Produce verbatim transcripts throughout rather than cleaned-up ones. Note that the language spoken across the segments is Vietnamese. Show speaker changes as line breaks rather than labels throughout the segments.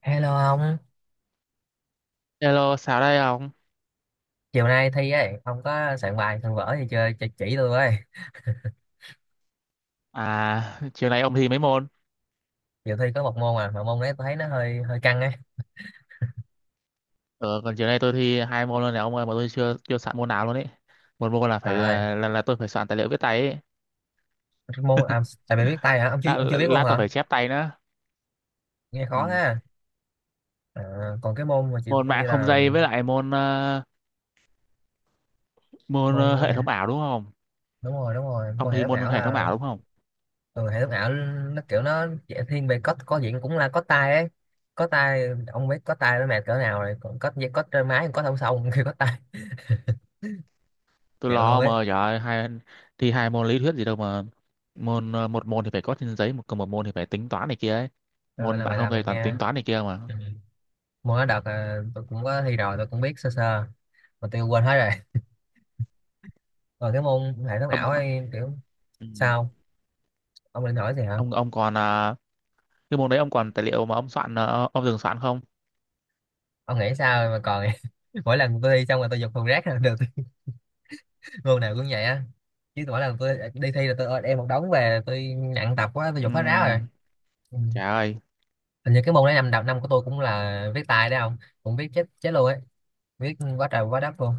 Hello ông,
Hello, sao đây ông?
chiều nay thi ấy, ông có soạn bài soạn vở gì chơi chỉ, chỉ tôi với.
À, chiều nay ông thi mấy môn?
Chiều thi có một môn à, mà môn đấy tôi thấy nó hơi hơi căng ấy.
Ờ, còn chiều nay tôi thi hai môn luôn này ông ơi, mà tôi chưa chưa soạn môn nào luôn ấy. Một môn là
Trời
phải
ơi,
ờ, là, là tôi phải soạn tài liệu viết tay ấy.
cái môn à, tại vì biết tay hả? Ông chưa
Lát,
ông chưa biết luôn
lát tôi
hả?
phải chép tay nữa.
Nghe khó
Ừ.
thế. À, còn cái môn mà chiều
Môn
thi
mạng không
là
dây với lại môn ờ, môn
môn
ờ, hệ thống ảo đúng không?
đúng rồi, đúng rồi,
Ông
môn hệ
thi
thống
môn
ảo
hệ thống
là
ảo đúng không?
ừ, hệ thống ảo nó kiểu nó dễ thiên về code có diện cũng là code tay ấy. Code tay ông biết code tay nó mệt cỡ nào rồi, còn code code trên máy code không xong khi code tay
Tôi
chịu luôn
lo mà
ấy.
trời ơi, hai thi hai môn lý thuyết gì đâu mà môn ờ, một môn thì phải có trên giấy, một còn một môn thì phải tính toán này kia ấy.
Ờ,
Môn
là
mạng
bài
không
làm
dây
này
toàn
nghe.
tính toán này kia mà.
Ừ. Môn đó đợt à, tôi cũng có thi rồi tôi cũng biết sơ sơ mà tôi quên hết rồi, còn cái môn hệ thống
Ông
ảo
có
ấy kiểu
ừ.
sao, ông định hỏi gì hả,
ông ông còn ờ, cái môn đấy ông còn tài liệu mà ông soạn ờ, ông dừng soạn không?
ông nghĩ sao mà còn mỗi lần tôi thi xong rồi tôi dục thùng rác là được. Môn nào cũng vậy á, chứ mỗi lần tôi đi thi là tôi đem một đống về tôi nặng tập quá tôi dục hết ráo rồi.
Ừm,
Ừ.
trời ơi,
Hình như cái môn đấy năm đầu năm của tôi cũng là viết tay đấy không, cũng viết chết chết luôn ấy, viết quá trời quá đất luôn,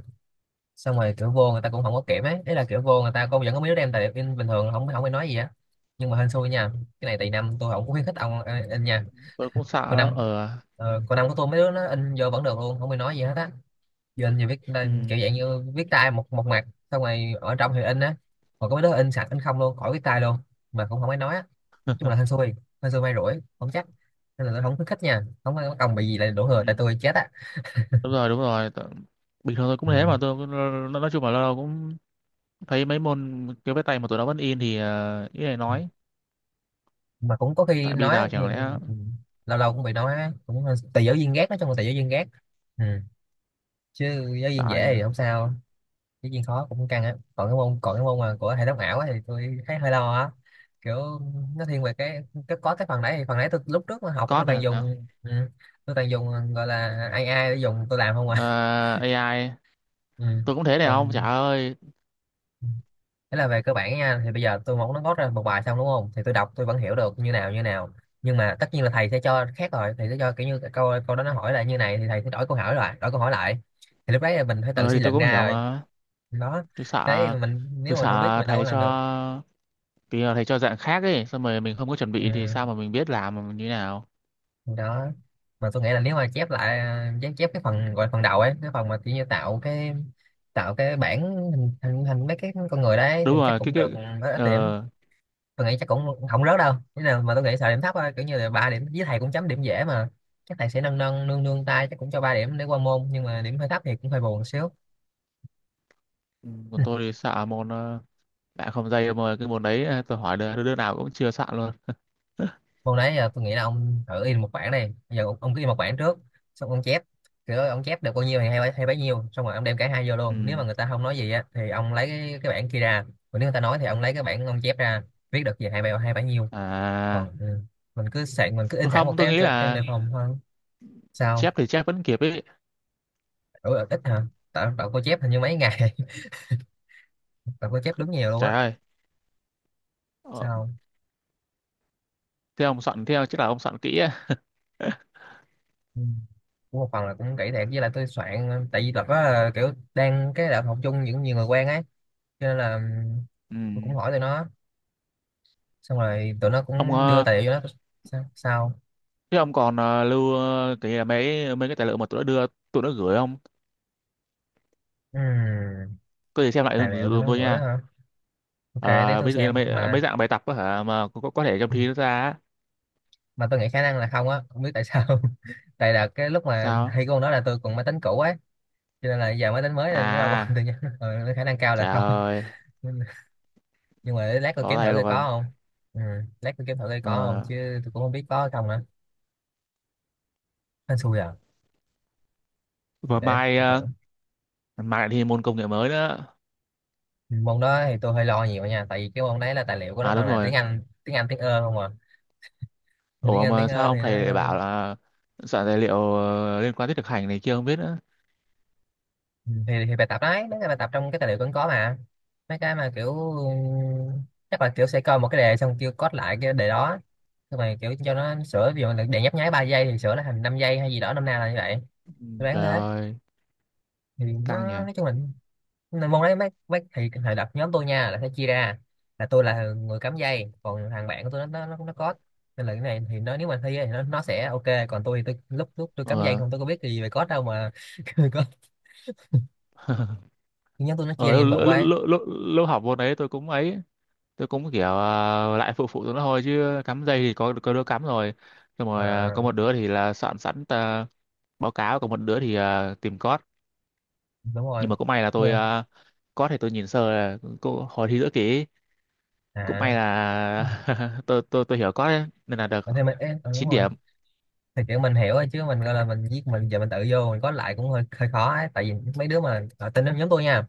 xong rồi kiểu vô người ta cũng không có kiểm ấy, đấy là kiểu vô người ta cô vẫn có mấy đứa đem tài liệu in bình thường không không ai nói gì á, nhưng mà hên xui nha, cái này tùy năm, tôi không có khuyến khích ông ờ, in nha.
tôi cũng sợ
Còn
lắm.
năm
Ờ.
ờ, còn năm của tôi mấy đứa nó in vô vẫn được luôn không ai nói gì hết á. Giờ in thì viết ờ,
Ừm,
kiểu dạng như viết tay một một mặt, xong rồi ở trong thì in á, còn có mấy đứa in sạch in không luôn khỏi viết tay luôn mà cũng không ai nói á. Nói chung là hên xui, hên xui may rủi không chắc, nên là tôi không khuyến khích nha, không có công bị gì lại đổ thừa tại
ừm.
tôi chết á.
Đúng rồi, đúng rồi. Tự- Bình thường tôi cũng
Ừ.
thế mà tôi cũng- nói nói chung là lâu lâu cũng thấy mấy môn kiểu viết tay mà tụi nó vẫn in thì ờ, ý này nói.
Mà cũng có khi
Tại bây
nói á,
giờ chẳng lẽ
nhưng lâu lâu cũng bị nói á, cũng hơi- tùy giáo viên ghét, nói chung là tùy giáo viên ghét. Ừ. Chứ giáo
sợ
viên
ai nhỉ?
dễ thì không sao, giáo viên khó cũng căng á. Còn cái môn, còn cái môn mà của hệ thống ảo á thì tôi thấy hơi lo á, kiểu nó thiên về cái, cái có cái phần đấy, thì phần đấy tôi lúc trước mà học tôi
Code
toàn
hả?
dùng ừ. Tôi toàn dùng gọi là a i để dùng tôi làm không à.
Ờ, a i
Ừ.
tôi cũng thế này không? Trời
Còn
ơi.
thế là về cơ bản nha, thì bây giờ tôi muốn nó gót ra một bài xong đúng không? Thì tôi đọc tôi vẫn hiểu được như nào như nào. Nhưng mà tất nhiên là thầy sẽ cho khác rồi, thầy sẽ cho kiểu như câu câu đó nó hỏi là như này thì thầy sẽ đổi câu hỏi lại, đổi câu hỏi lại. Thì lúc đấy là mình phải tự
Ờ
suy
thì tôi
luận
cũng
ra
hiểu
rồi.
mà.
Đó.
Tôi
Đấy
sợ
mình nếu
tôi
mình không biết
sợ
mình đâu có
thầy cho
làm được.
vì là thầy cho dạng khác ấy xong rồi mình không có chuẩn
Ừ.
bị thì sao mà mình biết làm mà như thế nào.
Đó. Mà tôi nghĩ là nếu mà chép lại chép chép cái phần gọi là phần đầu ấy, cái phần mà kiểu như tạo cái, tạo cái bản hình, hình, hình mấy cái con người đấy thì
Đúng
chắc
rồi cái
cũng
cái
được, với ít điểm.
ờ,
Tôi nghĩ chắc cũng không rớt đâu thế nào, mà tôi nghĩ sợ điểm thấp thôi, kiểu như là ba điểm, với thầy cũng chấm điểm dễ mà, chắc thầy sẽ nâng nâng nương nương tay, chắc cũng cho ba điểm để qua môn, nhưng mà điểm hơi thấp thì cũng hơi buồn một xíu.
còn tôi thì xạ môn uh, bạn không dây mà cái môn đấy ờ, tôi hỏi đứa, đứa nào cũng chưa sạn luôn.
Môn đấy giờ tôi nghĩ là ông thử in một bảng, này giờ ông, ông cứ in một bảng trước, xong ông chép kiểu ông chép được bao nhiêu thì hay, bấy- hay bấy nhiêu, xong rồi ông đem cả hai vô
Ừ.
luôn, nếu mà người ta không nói gì á thì ông lấy cái, cái bảng kia ra, còn nếu người ta nói thì ông lấy cái bảng ông chép ra, viết được gì hay bao hay bấy nhiêu.
À,
Còn ừ, mình cứ sạn mình cứ
tôi
in sẵn một
không tôi
cái
nghĩ
cho cho
là
đề phòng thôi. Sao?
chép thì chép vẫn kịp ấy.
Ủa, ít hả? Tạo tao có chép hình như mấy ngày, tao có chép đúng nhiều luôn
Trời
á.
ơi. Ờ,
Sao không?
thế ông soạn theo chắc là ông soạn kỹ á.
Ừ. Cũng một phần là cũng kỹ thiệt, với lại tôi soạn tại vì đợt đó là kiểu đang cái đợt học chung những nhiều người quen ấy, cho nên là
Ừ.
tôi cũng hỏi tụi nó, xong rồi tụi nó
Ông
cũng đưa
ờ,
tài liệu cho nó. Sao, sao?
thế ông còn ờ, lưu ờ, cái mấy mấy cái tài liệu mà tụi nó đưa, tụi nó gửi không?
Ừm,
Có gì xem lại
tài
giùm,
liệu tụi
giùm
nó
tôi
gửi
nha.
hả, ok để
Ờ,
tôi
ví dụ như là
xem
mấy mấy
mà.
dạng bài tập á hả mà có, có có thể trong
Ừ,
thi nó ra á.
mà tôi nghĩ khả năng là không á, không biết tại sao. Tại là cái lúc mà
Sao?
thi con đó là tôi còn máy tính cũ ấy, cho nên là giờ máy tính mới nên nó đâu còn
À,
tự nhiên. Ừ, khả năng cao là
trời
không,
ơi,
nhưng mà để lát tôi
bỏ
kiếm thử
tay
coi
luôn.
có không. Ừ. Lát tôi kiếm thử coi có không
Ờ.
chứ, tôi cũng không biết có hay không nữa, hên xui à,
Và
để
mai
tôi thử.
ờ, mai lại thi môn công nghệ mới nữa.
Ừ, môn đó thì tôi hơi lo nhiều nha, tại vì cái môn đấy là tài liệu của nó
À
toàn
đúng
là tiếng
rồi.
Anh tiếng Anh tiếng ơ không à. Thì tiếng
Ủa
Anh tiếng
mà sao
ơ thì
ông
nó
thầy lại bảo là soạn tài liệu ờ, liên quan tới thực hành này kia không biết nữa.
ừ, thì, thì bài tập đấy mấy cái bài tập trong cái tài liệu cũng có mà, mấy cái mà kiểu ừ, chắc là kiểu sẽ coi một cái đề xong kêu code lại cái đề đó, nhưng mà kiểu cho nó sửa, ví dụ là đề nhấp nháy ba giây thì sửa nó thành năm giây hay gì đó, năm nào là như vậy,
Ừ,
tôi đoán
trời
thế.
ơi,
Thì nó
căng nhỉ.
nói chung là nên môn đấy mấy mấy thì thời đợt nhóm tôi nha là sẽ chia ra, là tôi là người cắm dây, còn thằng bạn của tôi nó nó nó có, nên là cái này thì nó nếu mà thi á thì nó nó sẽ ok, còn tôi thì tôi lúc lúc tôi cắm dây
Ờ,
không, tôi có biết gì về code đâu mà. Có, nhóm tôi nó chia
ờ
ra nhiệm
lúc,
vụ qua
lúc,
ấy.
lúc, lúc, lúc học môn đấy tôi cũng ấy, tôi cũng kiểu ờ, lại phụ phụ tụi nó thôi chứ cắm dây thì có có đứa cắm rồi. Xong rồi ờ, có
À,
một đứa thì là soạn sẵn ờ, báo cáo, còn một đứa thì ờ, tìm code.
đúng rồi
Nhưng mà cũng may là
như
tôi ờ, code thì tôi nhìn sơ là cô- hồi thi giữa kỳ ấy, cũng
à.
may là tôi tôi tôi hiểu có đấy, nên là được
Ờ, thì mình ê, ờ, đúng
chín
rồi,
điểm.
thì kiểu mình hiểu rồi, chứ mình gọi là mình viết mình giờ mình tự vô mình có lại cũng hơi hơi khó ấy, tại vì mấy đứa mà ở tên nhóm tôi nha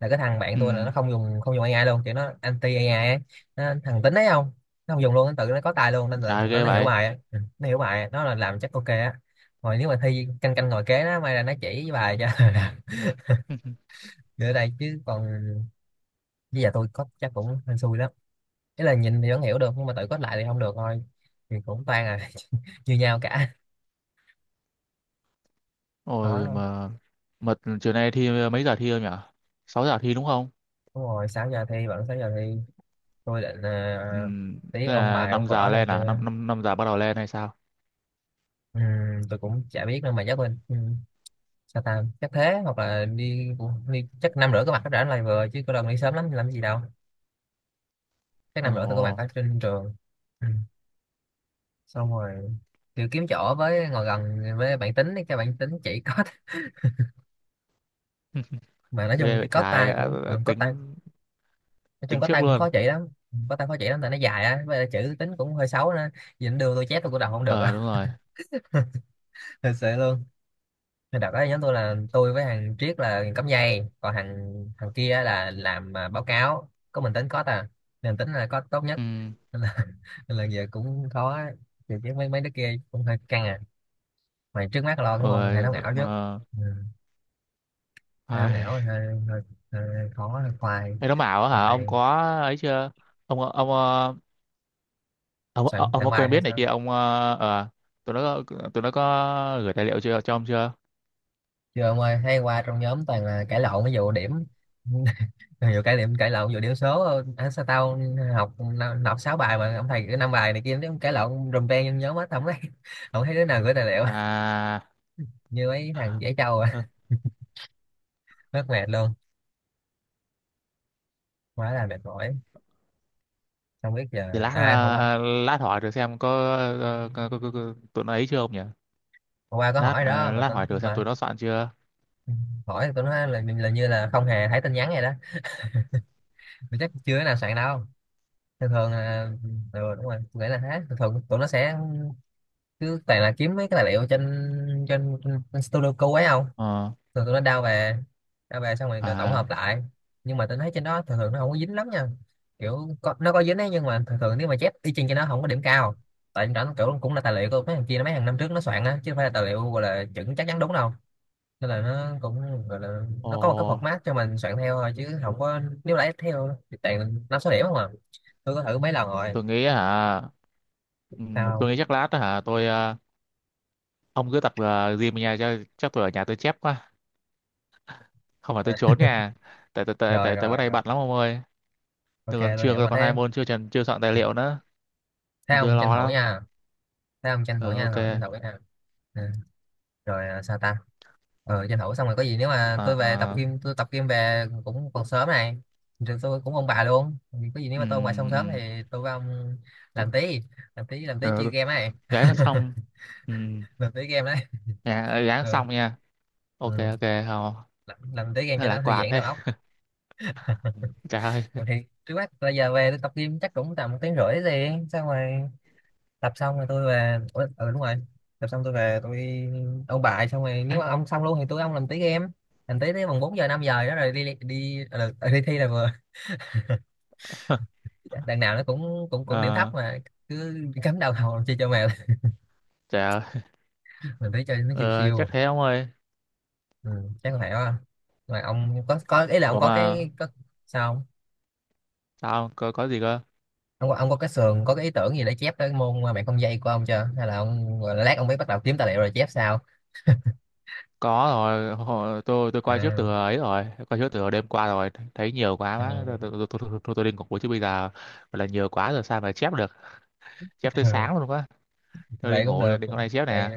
là cái thằng bạn
Ừ,
tôi là nó không dùng không dùng a i luôn, kiểu nó anti a i ấy. Nó, thằng tính đấy không, nó không dùng luôn, nó tự nó có tài luôn, nên là
trời
thằng đó
ghê
nó hiểu
vậy.
bài á, ừ, nó hiểu bài á. Nó là làm chắc ok á. Rồi nếu mà thi canh canh ngồi kế nó may ra nó chỉ bài cho. Nữa đây chứ còn bây giờ tôi có chắc cũng hên xui lắm, ý là nhìn thì vẫn hiểu được nhưng mà tự code lại thì không được thôi, thì cũng toan à. Như nhau cả, khó
Ôi
lắm.
mà mà chiều nay thi mấy giờ thi không nhỉ? Sáu giờ thi đúng không?
Đúng rồi, sáu giờ thi, vẫn sáu giờ thi. Tôi định ờ,
Ừ,
tí
tức
ôn
là
bài
năm
ôn vở
giờ
này
lên à? năm,
kia.
năm năm năm giờ bắt đầu lên hay sao?
Ừm, tôi cũng chả biết nữa mà chắc mình sao ta, chắc thế, hoặc là đi, đi chắc năm rưỡi có mặt hết rảnh lại vừa, chứ có lần đi sớm lắm làm gì đâu, chắc năm rưỡi tôi có mặt
Ồ,
ở trên trường. Ừ. Xong rồi kiểu kiếm chỗ với ngồi gần với bạn tính ấy, cái bạn tính chỉ có. Mà nói chung
ghê
cái
vậy,
có
trái
tay
đã-
cũng
đã
ừ, có
tính,
tay, nói chung
tính
có
trước
tay cũng
luôn.
khó chỉ lắm, có tay khó chỉ lắm tại nó dài á, với lại chữ tính cũng hơi xấu nữa, nhìn đưa tôi chép tôi cũng đọc không được đâu.
Ờ đúng rồi.
Thật sự luôn. Nên đợt đó nhóm tôi là tôi với thằng Triết là cắm dây, còn thằng thằng kia là làm à, báo cáo, có mình tính có à, nên tính là có tốt nhất,
Ừ.
nên là nên là giờ cũng khó thì, chứ mấy mấy đứa kia cũng hơi căng à. Mày trước mắt lo đúng không, hệ
Ôi
thống ảo trước.
mà
Ừ. Hệ thống ảo
ai
hơi, hơi, hơi khó, hơi khoai.
cái đó bảo
Khoai
hả? Ông
tay.
có ấy chưa? Ông ông ờ, ông ông,
soạn
ông
soạn
có
bài
quen
hay
biết này kia
sao?
ông ờ, ờ, tụi nó có- tụi nó có gửi tài liệu chưa cho ông chưa?
Chưa ông ơi, hay qua trong nhóm toàn là cãi lộn, ví dụ điểm. nhiều cái điểm cãi lộn, vừa điểm số à, sao tao học năm- học sáu bài mà ông thầy cái năm bài này kia, nó cãi lộn rùm beng trong nhóm hết không thấy. không thấy đứa nào gửi tài liệu.
À.
như mấy thằng dễ trâu
Ừ.
à. mất mệt luôn. Quá là mệt mỏi. Không biết
Để
giờ
lát
ai hôm qua.
ờ, lát hỏi thử xem có, ờ, có, có, có, có tụi nó ấy chưa ông nhỉ?
Hôm qua có
Lát
hỏi đó
ờ,
mà,
lát
tao
hỏi thử xem tụi
mà
nó soạn chưa.
hỏi tụi nó là, là như là không hề thấy tin nhắn này đó. Mà chắc chưa cái nào soạn đâu. Thường thường là ừ, đúng rồi. Tôi nghĩ là thế, thường thường tụi nó sẽ cứ toàn là kiếm mấy cái tài liệu trên trên, trên Studio Code ấy không?
Ờ.
Thường tụi nó đao về, đao về xong rồi tự tổng
À.
hợp lại. Nhưng mà tôi thấy trên đó thường thường nó không có dính lắm nha. Kiểu có, nó có dính ấy, nhưng mà thường thường nếu mà chép y chang cho nó không có điểm cao. Tại nó kiểu cũng là tài liệu của mấy thằng kia, mấy hàng năm trước nó soạn á, chứ không phải là tài liệu gọi là chuẩn chắc chắn đúng đâu. Nên là nó cũng gọi là,
Ồ,
nó có một cái format cho mình soạn theo thôi, chứ không có, nếu lấy theo thì toàn năm số điểm không à. Tôi có thử mấy lần rồi.
tôi nghĩ hả? Ừm,
Sao?
tôi nghĩ chắc lát hả tôi ờ, ông cứ tập ờ, gym ở nhà cho chắc, tôi ở nhà tôi chép quá. Không phải tôi trốn nhà, tại tại tại
rồi
tại tại bữa
rồi
nay
rồi
bận lắm ông ơi,
Ok
tôi còn
tôi hiểu
chưa
mà.
còn hai
Thế
môn chưa chưa soạn tài liệu nữa,
thế
tôi
ông tranh
lo
thủ
lắm.
nha. Thế ông tranh
Ừ,
thủ nha,
ok.
rồi tranh thủ nha. Ừ. Rồi à, sao ta? Ờ tranh thủ xong rồi, có gì nếu mà tôi về tập
À,
gym, tôi tập gym về cũng còn sớm này. Rồi tôi cũng ông bà luôn. Có gì nếu
ừ,
mà tôi ông bà xong sớm
ừ,
thì tôi với ông làm tí. Làm tí làm tí chơi
ừ,
game này.
gán xong. Ừ,
Làm tí game đấy.
dạ, gán
Ừ.
xong nha. Ok
Ừ.
ok. Không,
Làm, làm tí game
nó
cho
lạc
nó thư
quan
giãn
thế.
đầu óc.
Trời ơi.
Rồi thì, trước mắt bây giờ về tôi tập gym chắc cũng tầm một tiếng rưỡi gì. Xong rồi, tập xong rồi tôi về. Ủa, ừ đúng rồi. Tập xong tôi về tôi, ông bà xong rồi, nếu mà ông xong luôn thì tôi với ông làm tí game. Làm tí tới bằng bốn giờ năm giờ đó, rồi đi đi đi, ờ, ừ, đi thi là vừa. Đằng nào nó cũng cũng cũng điểm thấp
Ờ,
mà. Cứ cắm đầu hầu chơi cho mèo.
trời ơi.
mình thấy chơi nó chiều
Ờ, chắc
chiều.
thế ông ơi.
Ừ, chắc là vậy quá. Mà ông có có ý là ông
Ủa
có
mà
cái có, sao không?
sao có, có gì cơ?
Ông có, ông có cái sườn, có cái ý tưởng gì để chép cái môn mà bạn không dây của ông chưa, hay là ông gọi là lát ông mới bắt đầu kiếm tài liệu rồi chép sao?
Có rồi, hồi- tôi tôi coi trước
À,
từ ấy rồi, coi trước từ đêm qua rồi thấy nhiều quá
à,
má, tôi tôi tôi, tôi, tôi, tôi, tôi đi ngủ chứ bây giờ gọi là nhiều quá rồi sao mà chép được, chép tới
ừ,
sáng luôn quá. Tôi đi
vậy cũng
ngủ
được.
rồi đi con này chép
Đây,
nè.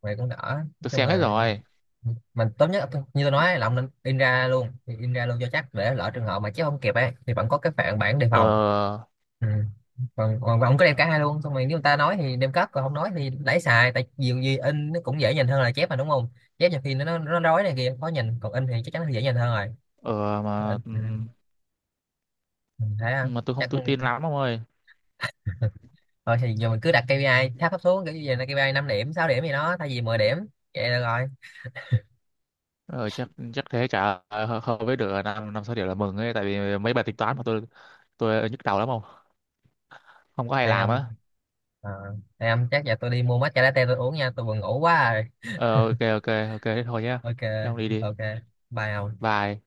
vậy cũng đỡ. Nói
Tôi
chung
xem hết
là
rồi.
mình tốt nhất như tôi nói là ông nên in ra luôn, in ra luôn cho chắc, để lỡ trường hợp mà chép không kịp ấy thì vẫn có cái phản bản đề
ờ
phòng. Ừ. Còn còn và ông có đem cả hai luôn, xong rồi nếu người ta nói thì đem cắp, còn không nói thì lấy xài, tại nhiều gì in nó cũng dễ nhìn hơn là chép mà, đúng không? Chép nhiều khi nó nó, nó rối này kia khó nhìn, còn in thì chắc chắn là dễ nhìn hơn rồi.
ờ mà
In, ừ. Ừ, thấy không
mà tôi không
chắc.
tự tin lắm ông ơi.
Thôi thì giờ mình cứ đặt kê pi ai tháp thấp xuống, kiểu như vậy là kê pi ai năm điểm sáu điểm gì đó thay vì mười điểm. Vậy được rồi.
Ờ, chắc chắc thế chả ờ, hợp với được à, năm năm sáu điểm là mừng ấy, tại vì mấy bài tính toán mà tôi tôi nhức đầu lắm, không không có hay
Thì
làm á.
ông à, thì ông chắc giờ tôi đi mua matcha latte tôi uống nha, tôi vừa ngủ quá rồi.
Ờ, ok ok ok thế thôi nhá,
Ok
thế ông đi đi.
ok. Bye ông.
Bye.